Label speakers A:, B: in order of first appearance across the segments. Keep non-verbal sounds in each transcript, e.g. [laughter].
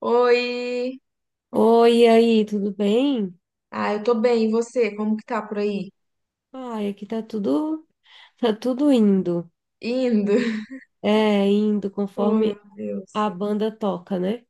A: Oi!
B: Oi, e aí, tudo bem?
A: Ah, eu tô bem, e você? Como que tá por aí?
B: Ai, aqui tá tudo indo.
A: Indo? [laughs]
B: É, indo
A: Oh, meu
B: conforme
A: Deus.
B: a banda toca, né?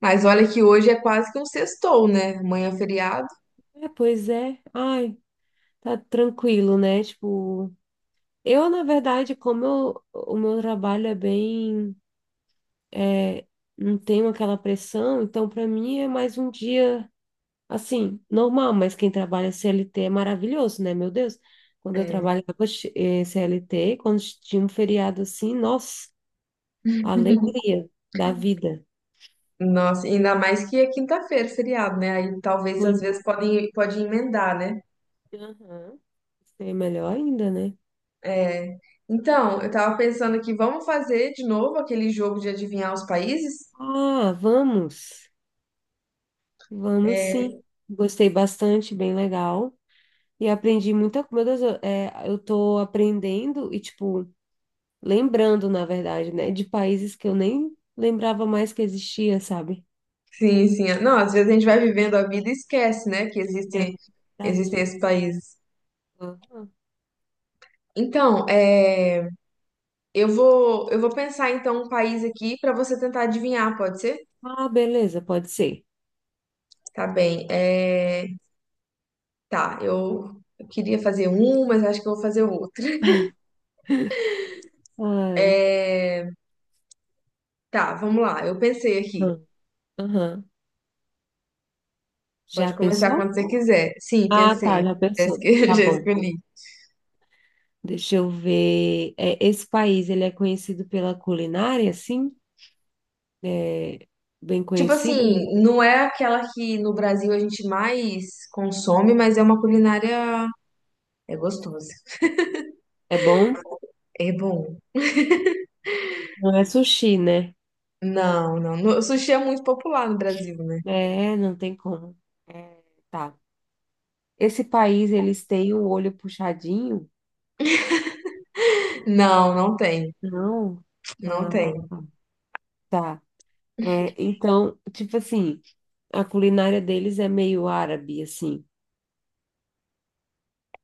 A: Mas olha que hoje é quase que um sextou, né? Amanhã é feriado.
B: É, pois é. Ai, tá tranquilo, né? Tipo, eu, na verdade, o meu trabalho é bem, é, não tenho aquela pressão, então pra mim é mais um dia, assim, normal, mas quem trabalha CLT é maravilhoso, né? Meu Deus, quando eu
A: É.
B: trabalhava, CLT, quando tinha um feriado assim, nossa. A
A: [laughs]
B: alegria da vida.
A: Nossa, ainda mais que é quinta-feira, feriado, né? Aí talvez às
B: Foi-
A: vezes podem, pode emendar, né?
B: Aham. Gostei melhor ainda, né?
A: É. Então, eu tava pensando aqui, vamos fazer de novo aquele jogo de adivinhar os países?
B: Ah, vamos. Vamos
A: É.
B: sim. Gostei bastante, bem legal. E aprendi muita coisa. Meu Deus, eu tô aprendendo e, tipo, lembrando, na verdade, né? De países que eu nem lembrava mais que existia, sabe?
A: Sim, sim. Não, às vezes a gente vai vivendo a vida e esquece, né? Que
B: É
A: existem,
B: verdade.
A: existem esses países.
B: Aham.
A: Então, é. Eu vou pensar então um país aqui para você tentar adivinhar, pode ser?
B: Ah, beleza, pode ser.
A: Tá bem. É, tá, eu queria fazer um, mas acho que eu vou fazer outro.
B: Ai.
A: É, tá, vamos lá. Eu pensei aqui.
B: Aham. Aham. Já
A: Pode começar
B: pensou?
A: quando você quiser. Sim,
B: Ah, tá,
A: pensei.
B: já
A: Já
B: pensou.
A: esque- [laughs]
B: Tá
A: Já
B: bom.
A: escolhi.
B: Deixa eu ver. É, esse país, ele é conhecido pela culinária, sim? É bem
A: Tipo
B: conhecido?
A: assim, não é aquela que no Brasil a gente mais consome, mas é uma culinária. É gostosa.
B: É bom?
A: É bom.
B: Não é sushi, né?
A: Não, não. O sushi é muito popular no Brasil, né?
B: É, não tem como. É, tá. Esse país, eles têm o olho puxadinho?
A: Não, não tem.
B: Não.
A: Não
B: Ah,
A: tem.
B: tá. É, então, tipo assim, a culinária deles é meio árabe, assim.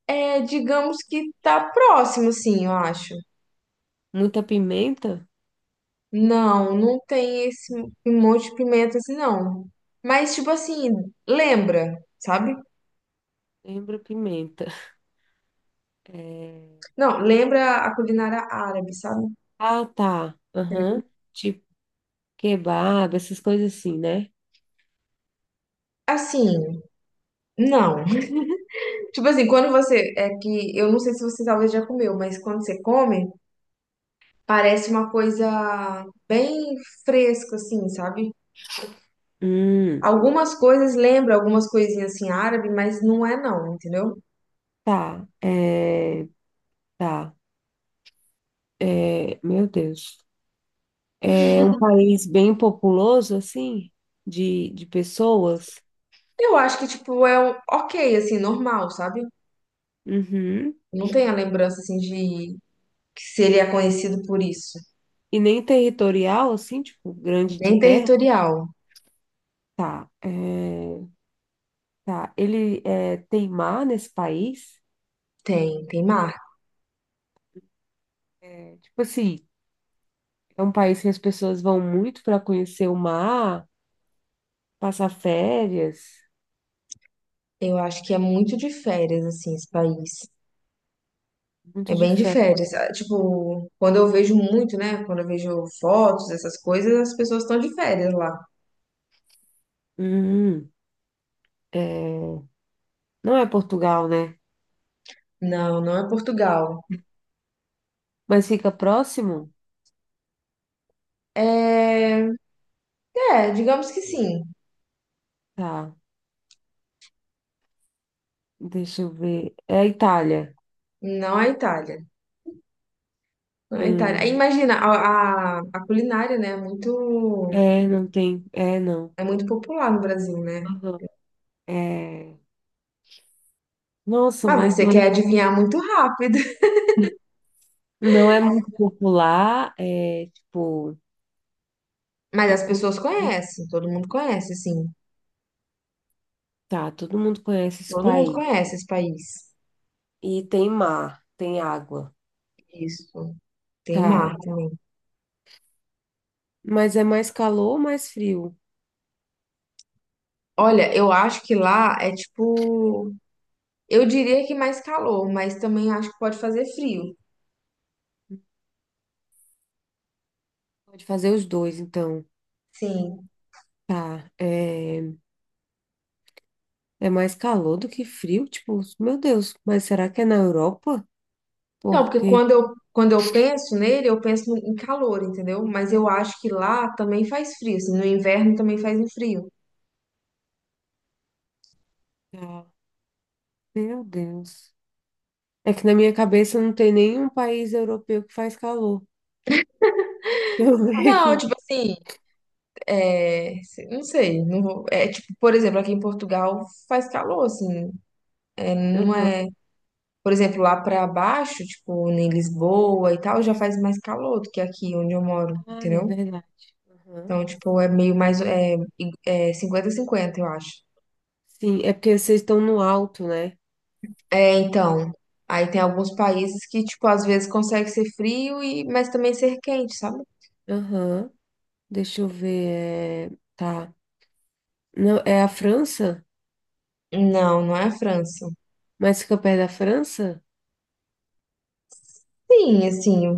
A: É, digamos que tá próximo, assim, eu acho.
B: Muita pimenta?
A: Não, não tem esse um monte de pimenta assim, não. Mas, tipo assim, lembra, sabe?
B: Lembra pimenta. É,
A: Não, lembra a culinária árabe, sabe?
B: ah, tá. Aham. Tipo kebab, essas coisas assim, né?
A: Assim, não. [laughs] Tipo assim, quando você. É que eu não sei se você talvez já comeu, mas quando você come, parece uma coisa bem fresca, assim, sabe?
B: Hum,
A: Algumas coisas lembram algumas coisinhas assim árabe, mas não é, não, entendeu?
B: tá, é, tá, é, meu Deus. É um país bem populoso, assim, de pessoas.
A: Eu acho que, tipo, ok, assim, normal, sabe?
B: Uhum.
A: Não tem a lembrança, assim, de que se ele é conhecido por isso.
B: E nem territorial, assim, tipo, grande de
A: Nem
B: terra.
A: territorial.
B: Tá, é, tá. Ele é, tem mar nesse país?
A: Tem mar.
B: É, tipo assim, é um país que as pessoas vão muito para conhecer o mar, passar férias,
A: Eu acho que é muito de férias, assim, esse país. É
B: muito de
A: bem de
B: férias.
A: férias. Ah, tipo, quando eu vejo muito, né? Quando eu vejo fotos, essas coisas, as pessoas estão de férias lá.
B: Hum, é, não é Portugal, né?
A: Não, não é Portugal.
B: Mas fica próximo?
A: É, é, digamos que sim.
B: Tá. Deixa eu ver. É a Itália.
A: Não é Itália. Não é Itália. Aí,
B: Hum.
A: imagina, a culinária, né? É muito.
B: É, não tem. É, não.
A: É muito popular no Brasil, né?
B: Aham. É. Nossa,
A: Mas
B: mas
A: você
B: não é,
A: quer adivinhar muito rápido. [laughs]
B: não é muito popular. É tipo.
A: Mas
B: A...
A: as
B: cu-
A: pessoas conhecem, todo mundo conhece, sim.
B: Tá, todo mundo conhece esse
A: Todo mundo
B: país.
A: conhece esse país.
B: E tem mar, tem água.
A: Isso. Tem
B: Tá.
A: mar também.
B: Mas é mais calor ou mais frio?
A: Olha, eu acho que lá é tipo. Eu diria que mais calor, mas também acho que pode fazer frio.
B: Pode fazer os dois, então.
A: Sim.
B: Tá. é mais calor do que frio? Tipo, meu Deus, mas será que é na Europa?
A: Não, porque
B: Porque.
A: quando eu penso nele, eu penso em calor, entendeu? Mas eu acho que lá também faz frio, assim. No inverno também faz um frio.
B: Tá. Meu Deus. É que na minha cabeça não tem nenhum país europeu que faz calor. Deixa eu [laughs] ver
A: Não,
B: aqui.
A: tipo assim. É, não sei, não vou- é tipo, por exemplo, aqui em Portugal faz calor, assim, é, não
B: Aham.
A: é, por exemplo, lá pra baixo, tipo, em Lisboa e tal, já faz mais calor do que aqui onde eu moro,
B: Ah, é
A: entendeu?
B: verdade. Aham.
A: Então, tipo, é meio mais,
B: Sim,
A: é, é 50-50, eu acho.
B: sim, é porque vocês estão no alto, né?
A: É, então, aí tem alguns países que, tipo, às vezes consegue ser frio e, mas também ser quente, sabe?
B: Aham. Deixa eu ver. Tá. Não, é a França?
A: Não, não é a França.
B: Mas fica perto da França?
A: Sim, assim,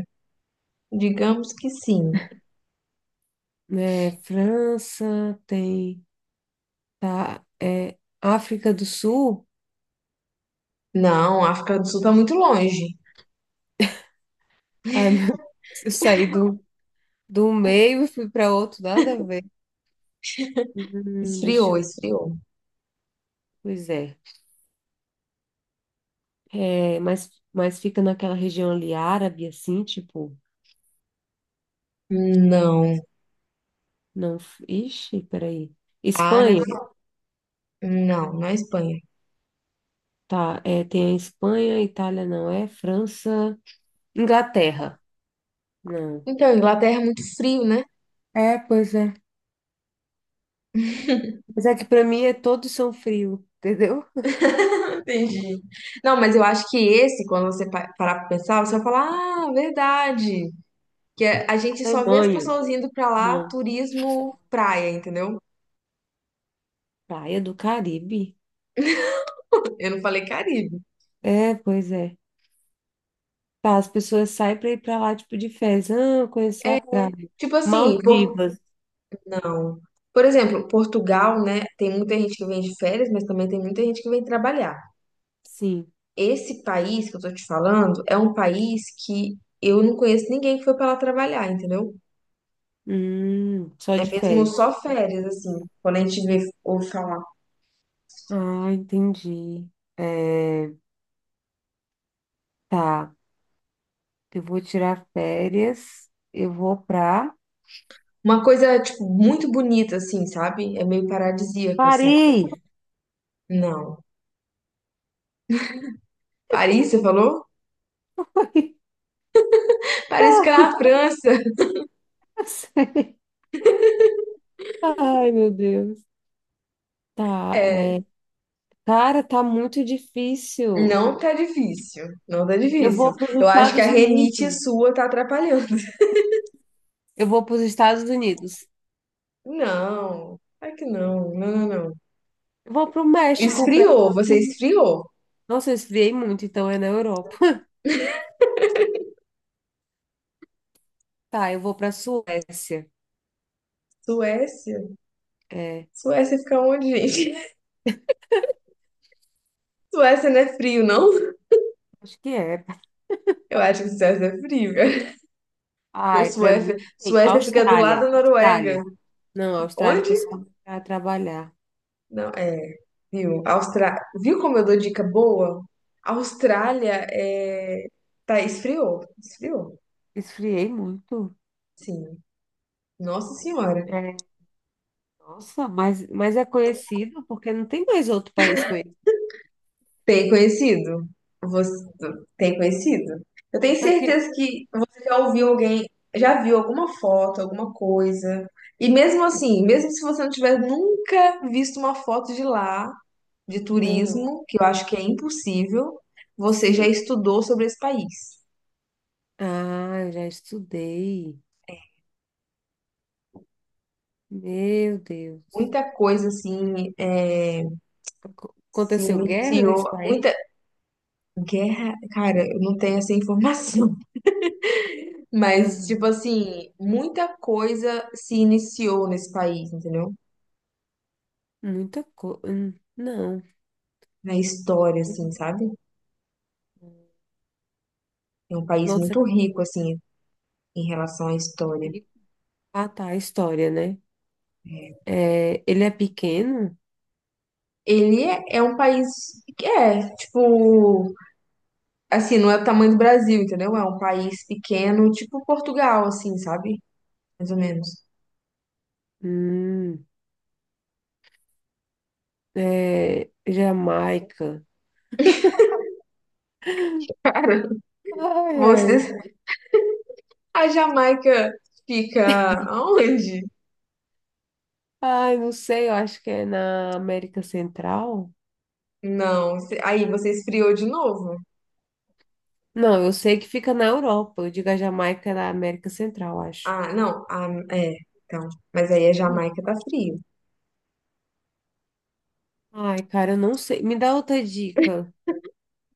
A: digamos que sim.
B: É, França tem. Tá. É África do Sul?
A: Não, a África do Sul tá muito longe.
B: Ai, [laughs] meu Deus, eu saí do meio e fui para outro, nada a ver. Deixa
A: Esfriou,
B: eu.
A: esfriou.
B: Pois é. É, mas fica naquela região ali árabe, assim, tipo,
A: Não.
B: não, ixi, peraí. Espanha,
A: Árabe? Não, não é Espanha.
B: tá, é, tem a Espanha, Itália não é, França, Inglaterra, não.
A: Então, Inglaterra é muito frio, né?
B: É, pois é. Mas é que para mim é todos são frio, entendeu?
A: [laughs] Entendi. Não, mas eu acho que esse, quando você parar pra pensar, você vai falar, ah, verdade. A gente só vê as
B: Alemanha,
A: pessoas indo pra lá,
B: não.
A: turismo praia, entendeu?
B: Praia do Caribe.
A: Eu não falei Caribe.
B: É, pois é. Tá, as pessoas saem para ir para lá, tipo, de férias. Ah, eu conheci a praia.
A: Tipo assim,
B: Maldivas,
A: não. Por exemplo, Portugal, né? Tem muita gente que vem de férias, mas também tem muita gente que vem trabalhar.
B: sim.
A: Esse país que eu tô te falando é um país que eu não conheço ninguém que foi pra lá trabalhar, entendeu?
B: Só
A: É
B: de
A: mesmo
B: férias.
A: só férias, assim, quando a gente vê ou falar.
B: Ah, entendi. É, tá, eu vou tirar férias, eu vou pra
A: Uma coisa, tipo, muito bonita, assim, sabe? É meio paradisíaco, assim.
B: Paris.
A: Não. Paris, você falou?
B: [laughs]
A: Paris fica na França. [laughs]
B: Eu sei. Ai, meu Deus. Tá,
A: É,
B: é, cara, tá muito difícil.
A: não tá difícil. Não tá
B: Eu
A: difícil.
B: vou para os
A: Eu acho que a
B: Estados
A: renite
B: Unidos.
A: sua tá atrapalhando.
B: Eu vou para os Estados Unidos.
A: [laughs] Não. Claro que não. Não, não, não.
B: Eu vou para o México, para
A: Esfriou, você esfriou.
B: Nossa, eu esfriei muito, então é na Europa. [laughs] Tá, eu vou para Suécia.
A: Suécia?
B: É,
A: Suécia fica onde, gente? [laughs] Suécia não é frio, não?
B: acho que é.
A: Eu acho que Suécia é frio, cara. Pô,
B: Ai, para
A: Suécia,
B: mim, sim.
A: Suécia fica do lado
B: Austrália,
A: da Noruega.
B: Austrália. Não, a Austrália, o
A: Onde?
B: pessoal para trabalhar.
A: Não, é. Viu? Viu como eu dou dica boa? Austrália é... tá esfriou, esfriou.
B: Esfriei muito.
A: Sim. Nossa Senhora.
B: É, nossa, mas é conhecido porque não tem mais outro país conhecido.
A: Tem conhecido? Você tem conhecido? Eu tenho
B: Aqui.
A: certeza que você já ouviu alguém, já viu alguma foto, alguma coisa. E mesmo assim, mesmo se você não tiver nunca visto uma foto de lá, de
B: Ah,
A: turismo, que eu acho que é impossível, você já
B: sim.
A: estudou sobre esse país.
B: Ah, já estudei. Meu Deus.
A: Muita coisa assim é, se
B: Aconteceu guerra
A: iniciou,
B: nesse
A: muita
B: país?
A: guerra, cara, eu não tenho essa informação, [laughs] mas tipo
B: Aham.
A: assim, muita coisa se iniciou nesse país, entendeu?
B: Muita coisa. Não.
A: Na história, assim, sabe? É um país
B: Nossa,
A: muito rico, assim, em relação à
B: que
A: história.
B: rico. Ah, tá, a história, né?
A: É.
B: É, ele é pequeno?
A: Ele é um país que é, tipo, assim, não é o tamanho do Brasil, entendeu? É um país pequeno, tipo Portugal, assim, sabe? Mais ou menos.
B: Hum, é, Jamaica.
A: Cara, [laughs]
B: Ai, ai.
A: você. A Jamaica fica aonde?
B: Ai, não sei, eu acho que é na América Central.
A: Não, aí você esfriou de novo?
B: Não, eu sei que fica na Europa. Eu digo a Jamaica é na América Central, acho.
A: Ah, não, ah, é, então, mas aí a Jamaica tá frio.
B: Ai, cara, eu não sei. Me dá outra dica.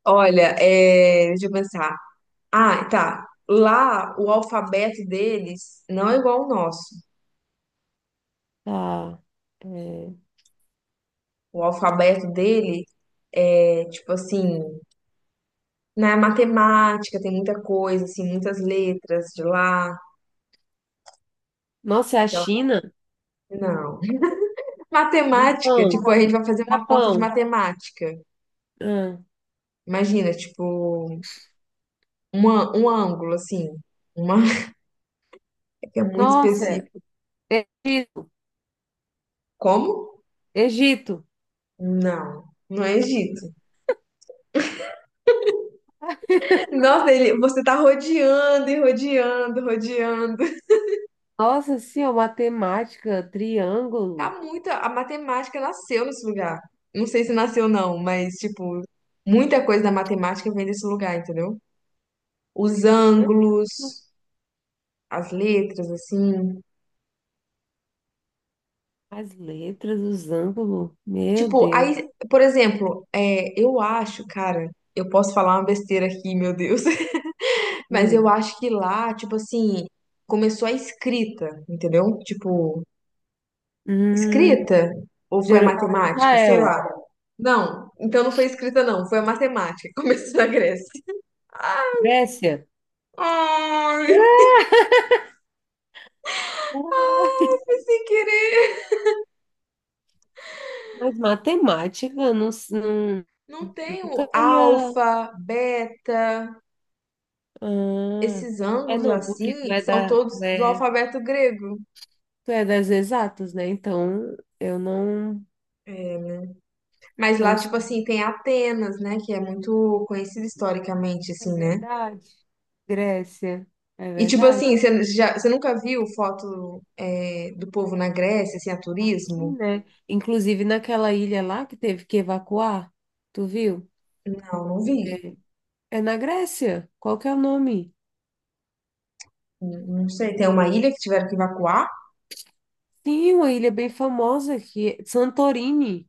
A: Olha, é, deixa eu pensar. Ah, tá. Lá o alfabeto deles não é igual ao nosso.
B: Ah, é...
A: O alfabeto dele é tipo assim, na matemática tem muita coisa, assim, muitas letras de lá.
B: Nossa, é a
A: Então,
B: China?
A: não. Matemática,
B: Japão.
A: tipo, a gente vai fazer uma conta de
B: Japão.
A: matemática.
B: Ah.
A: Imagina, tipo. Uma, um ângulo, assim, uma [laughs] que é muito
B: Nossa, é
A: específico.
B: Egito.
A: Como?
B: Egito.
A: Não, não é Egito. Nossa, você tá rodeando e rodeando, rodeando.
B: Nossa, sim, ó, matemática,
A: Tá
B: triângulo,
A: muito, a matemática nasceu nesse lugar. Não sei se nasceu não, mas, tipo, muita coisa da matemática vem desse lugar, entendeu? Os ângulos,
B: canto,
A: as letras, assim.
B: as letras, os ângulos. Meu
A: Tipo,
B: Deus.
A: aí, por exemplo, é, eu acho, cara, eu posso falar uma besteira aqui, meu Deus. Mas eu
B: Ah.
A: acho que lá, tipo assim, começou a escrita, entendeu? Tipo,
B: Hum,
A: escrita? Ou foi a matemática? Sei
B: Israel.
A: lá. Não, então não foi escrita, não. Foi a matemática. [laughs] Começou na Grécia. Ai,
B: Grécia.
A: ai, foi sem querer.
B: Mas matemática, não,
A: Não tem o
B: nunca ia.
A: alfa, beta.
B: Ah,
A: Esses
B: é
A: ângulos
B: não,
A: assim
B: porque tu é
A: são
B: da,
A: todos do alfabeto grego.
B: tu é das exatas, né? Então eu não,
A: É, né? Mas lá,
B: não.
A: tipo assim, tem Atenas, né? Que é muito conhecida historicamente,
B: É
A: assim, né?
B: verdade. Grécia, é
A: E tipo
B: verdade.
A: assim, você nunca viu foto é, do povo na Grécia, assim, a
B: Assim,
A: turismo?
B: né? Inclusive naquela ilha lá que teve que evacuar, tu viu?
A: Não, não vi.
B: É na Grécia. Qual que é o nome?
A: Não não sei. Tem uma ilha que tiveram que evacuar?
B: Sim, uma ilha bem famosa que é Santorini.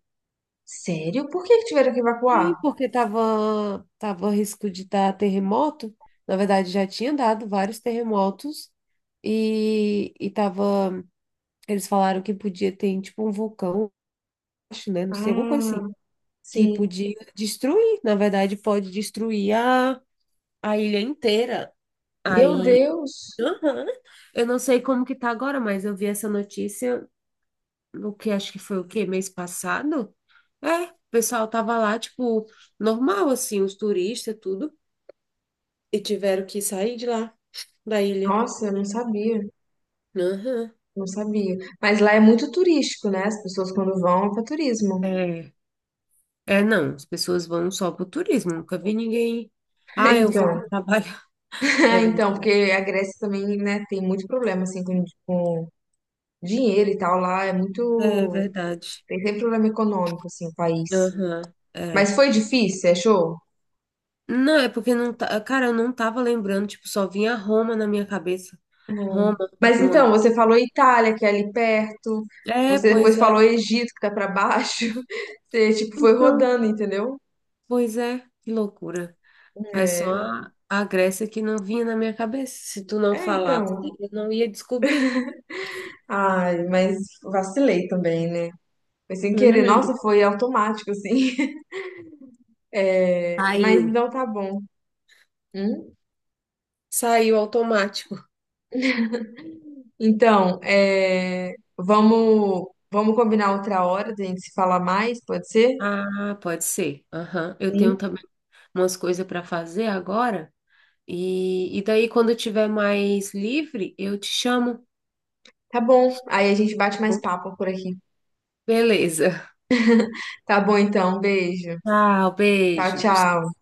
A: Sério? Por que que tiveram que
B: Sim,
A: evacuar?
B: porque tava a risco de dar terremoto. Na verdade, já tinha dado vários terremotos e tava, eles falaram que podia ter tipo um vulcão, acho, né? Não sei, alguma coisa assim,
A: Ah,
B: que
A: sim.
B: podia destruir. Na verdade, pode destruir a ilha inteira.
A: Meu
B: Aí,
A: Deus!
B: aham. Eu não sei como que tá agora, mas eu vi essa notícia, o que acho que foi o quê? Mês passado? É, o pessoal tava lá, tipo, normal, assim, os turistas, tudo. E tiveram que sair de lá, da ilha.
A: Nossa, eu não sabia.
B: Aham.
A: Não sabia. Mas lá é muito turístico, né? As pessoas quando vão é para turismo.
B: É, é, não, as pessoas vão só pro turismo, nunca vi ninguém.
A: [laughs]
B: Ah, eu vou para
A: Então,
B: trabalhar. [laughs] É
A: [laughs] então,
B: verdade.
A: porque a Grécia também, né, tem muito problema assim com dinheiro e tal lá, é
B: É
A: muito,
B: verdade.
A: tem sempre problema econômico assim, o país.
B: Aham, é.
A: Mas foi difícil, você achou?
B: Não, é porque não tá. Cara, eu não tava lembrando, tipo, só vinha Roma na minha cabeça. Roma,
A: Mas então,
B: Roma.
A: você falou Itália, que é ali perto.
B: É,
A: Você depois
B: pois é.
A: falou Egito, que tá pra baixo. [laughs] Você, tipo, foi
B: Então,
A: rodando, entendeu?
B: pois é, que loucura. Aí
A: É,
B: só a Grécia que não vinha na minha cabeça. Se tu não
A: É
B: falasse,
A: então.
B: eu não ia descobrir.
A: Ai, mas vacilei também, né? Foi sem querer. Nossa,
B: [laughs]
A: foi automático, assim. [laughs] É, mas
B: Saiu.
A: então tá bom. Hum?
B: Saiu automático.
A: Então, é, vamos combinar outra hora da gente se falar mais, pode ser?
B: Ah, pode ser. Aham. Eu
A: Sim.
B: tenho também umas coisas para fazer agora. E daí, quando eu tiver mais livre, eu te chamo,
A: Tá bom. Aí a gente
B: tá
A: bate mais
B: bom?
A: papo por aqui.
B: Beleza.
A: Tá bom, então. Beijo.
B: Tchau,
A: Tchau,
B: beijo.
A: tchau.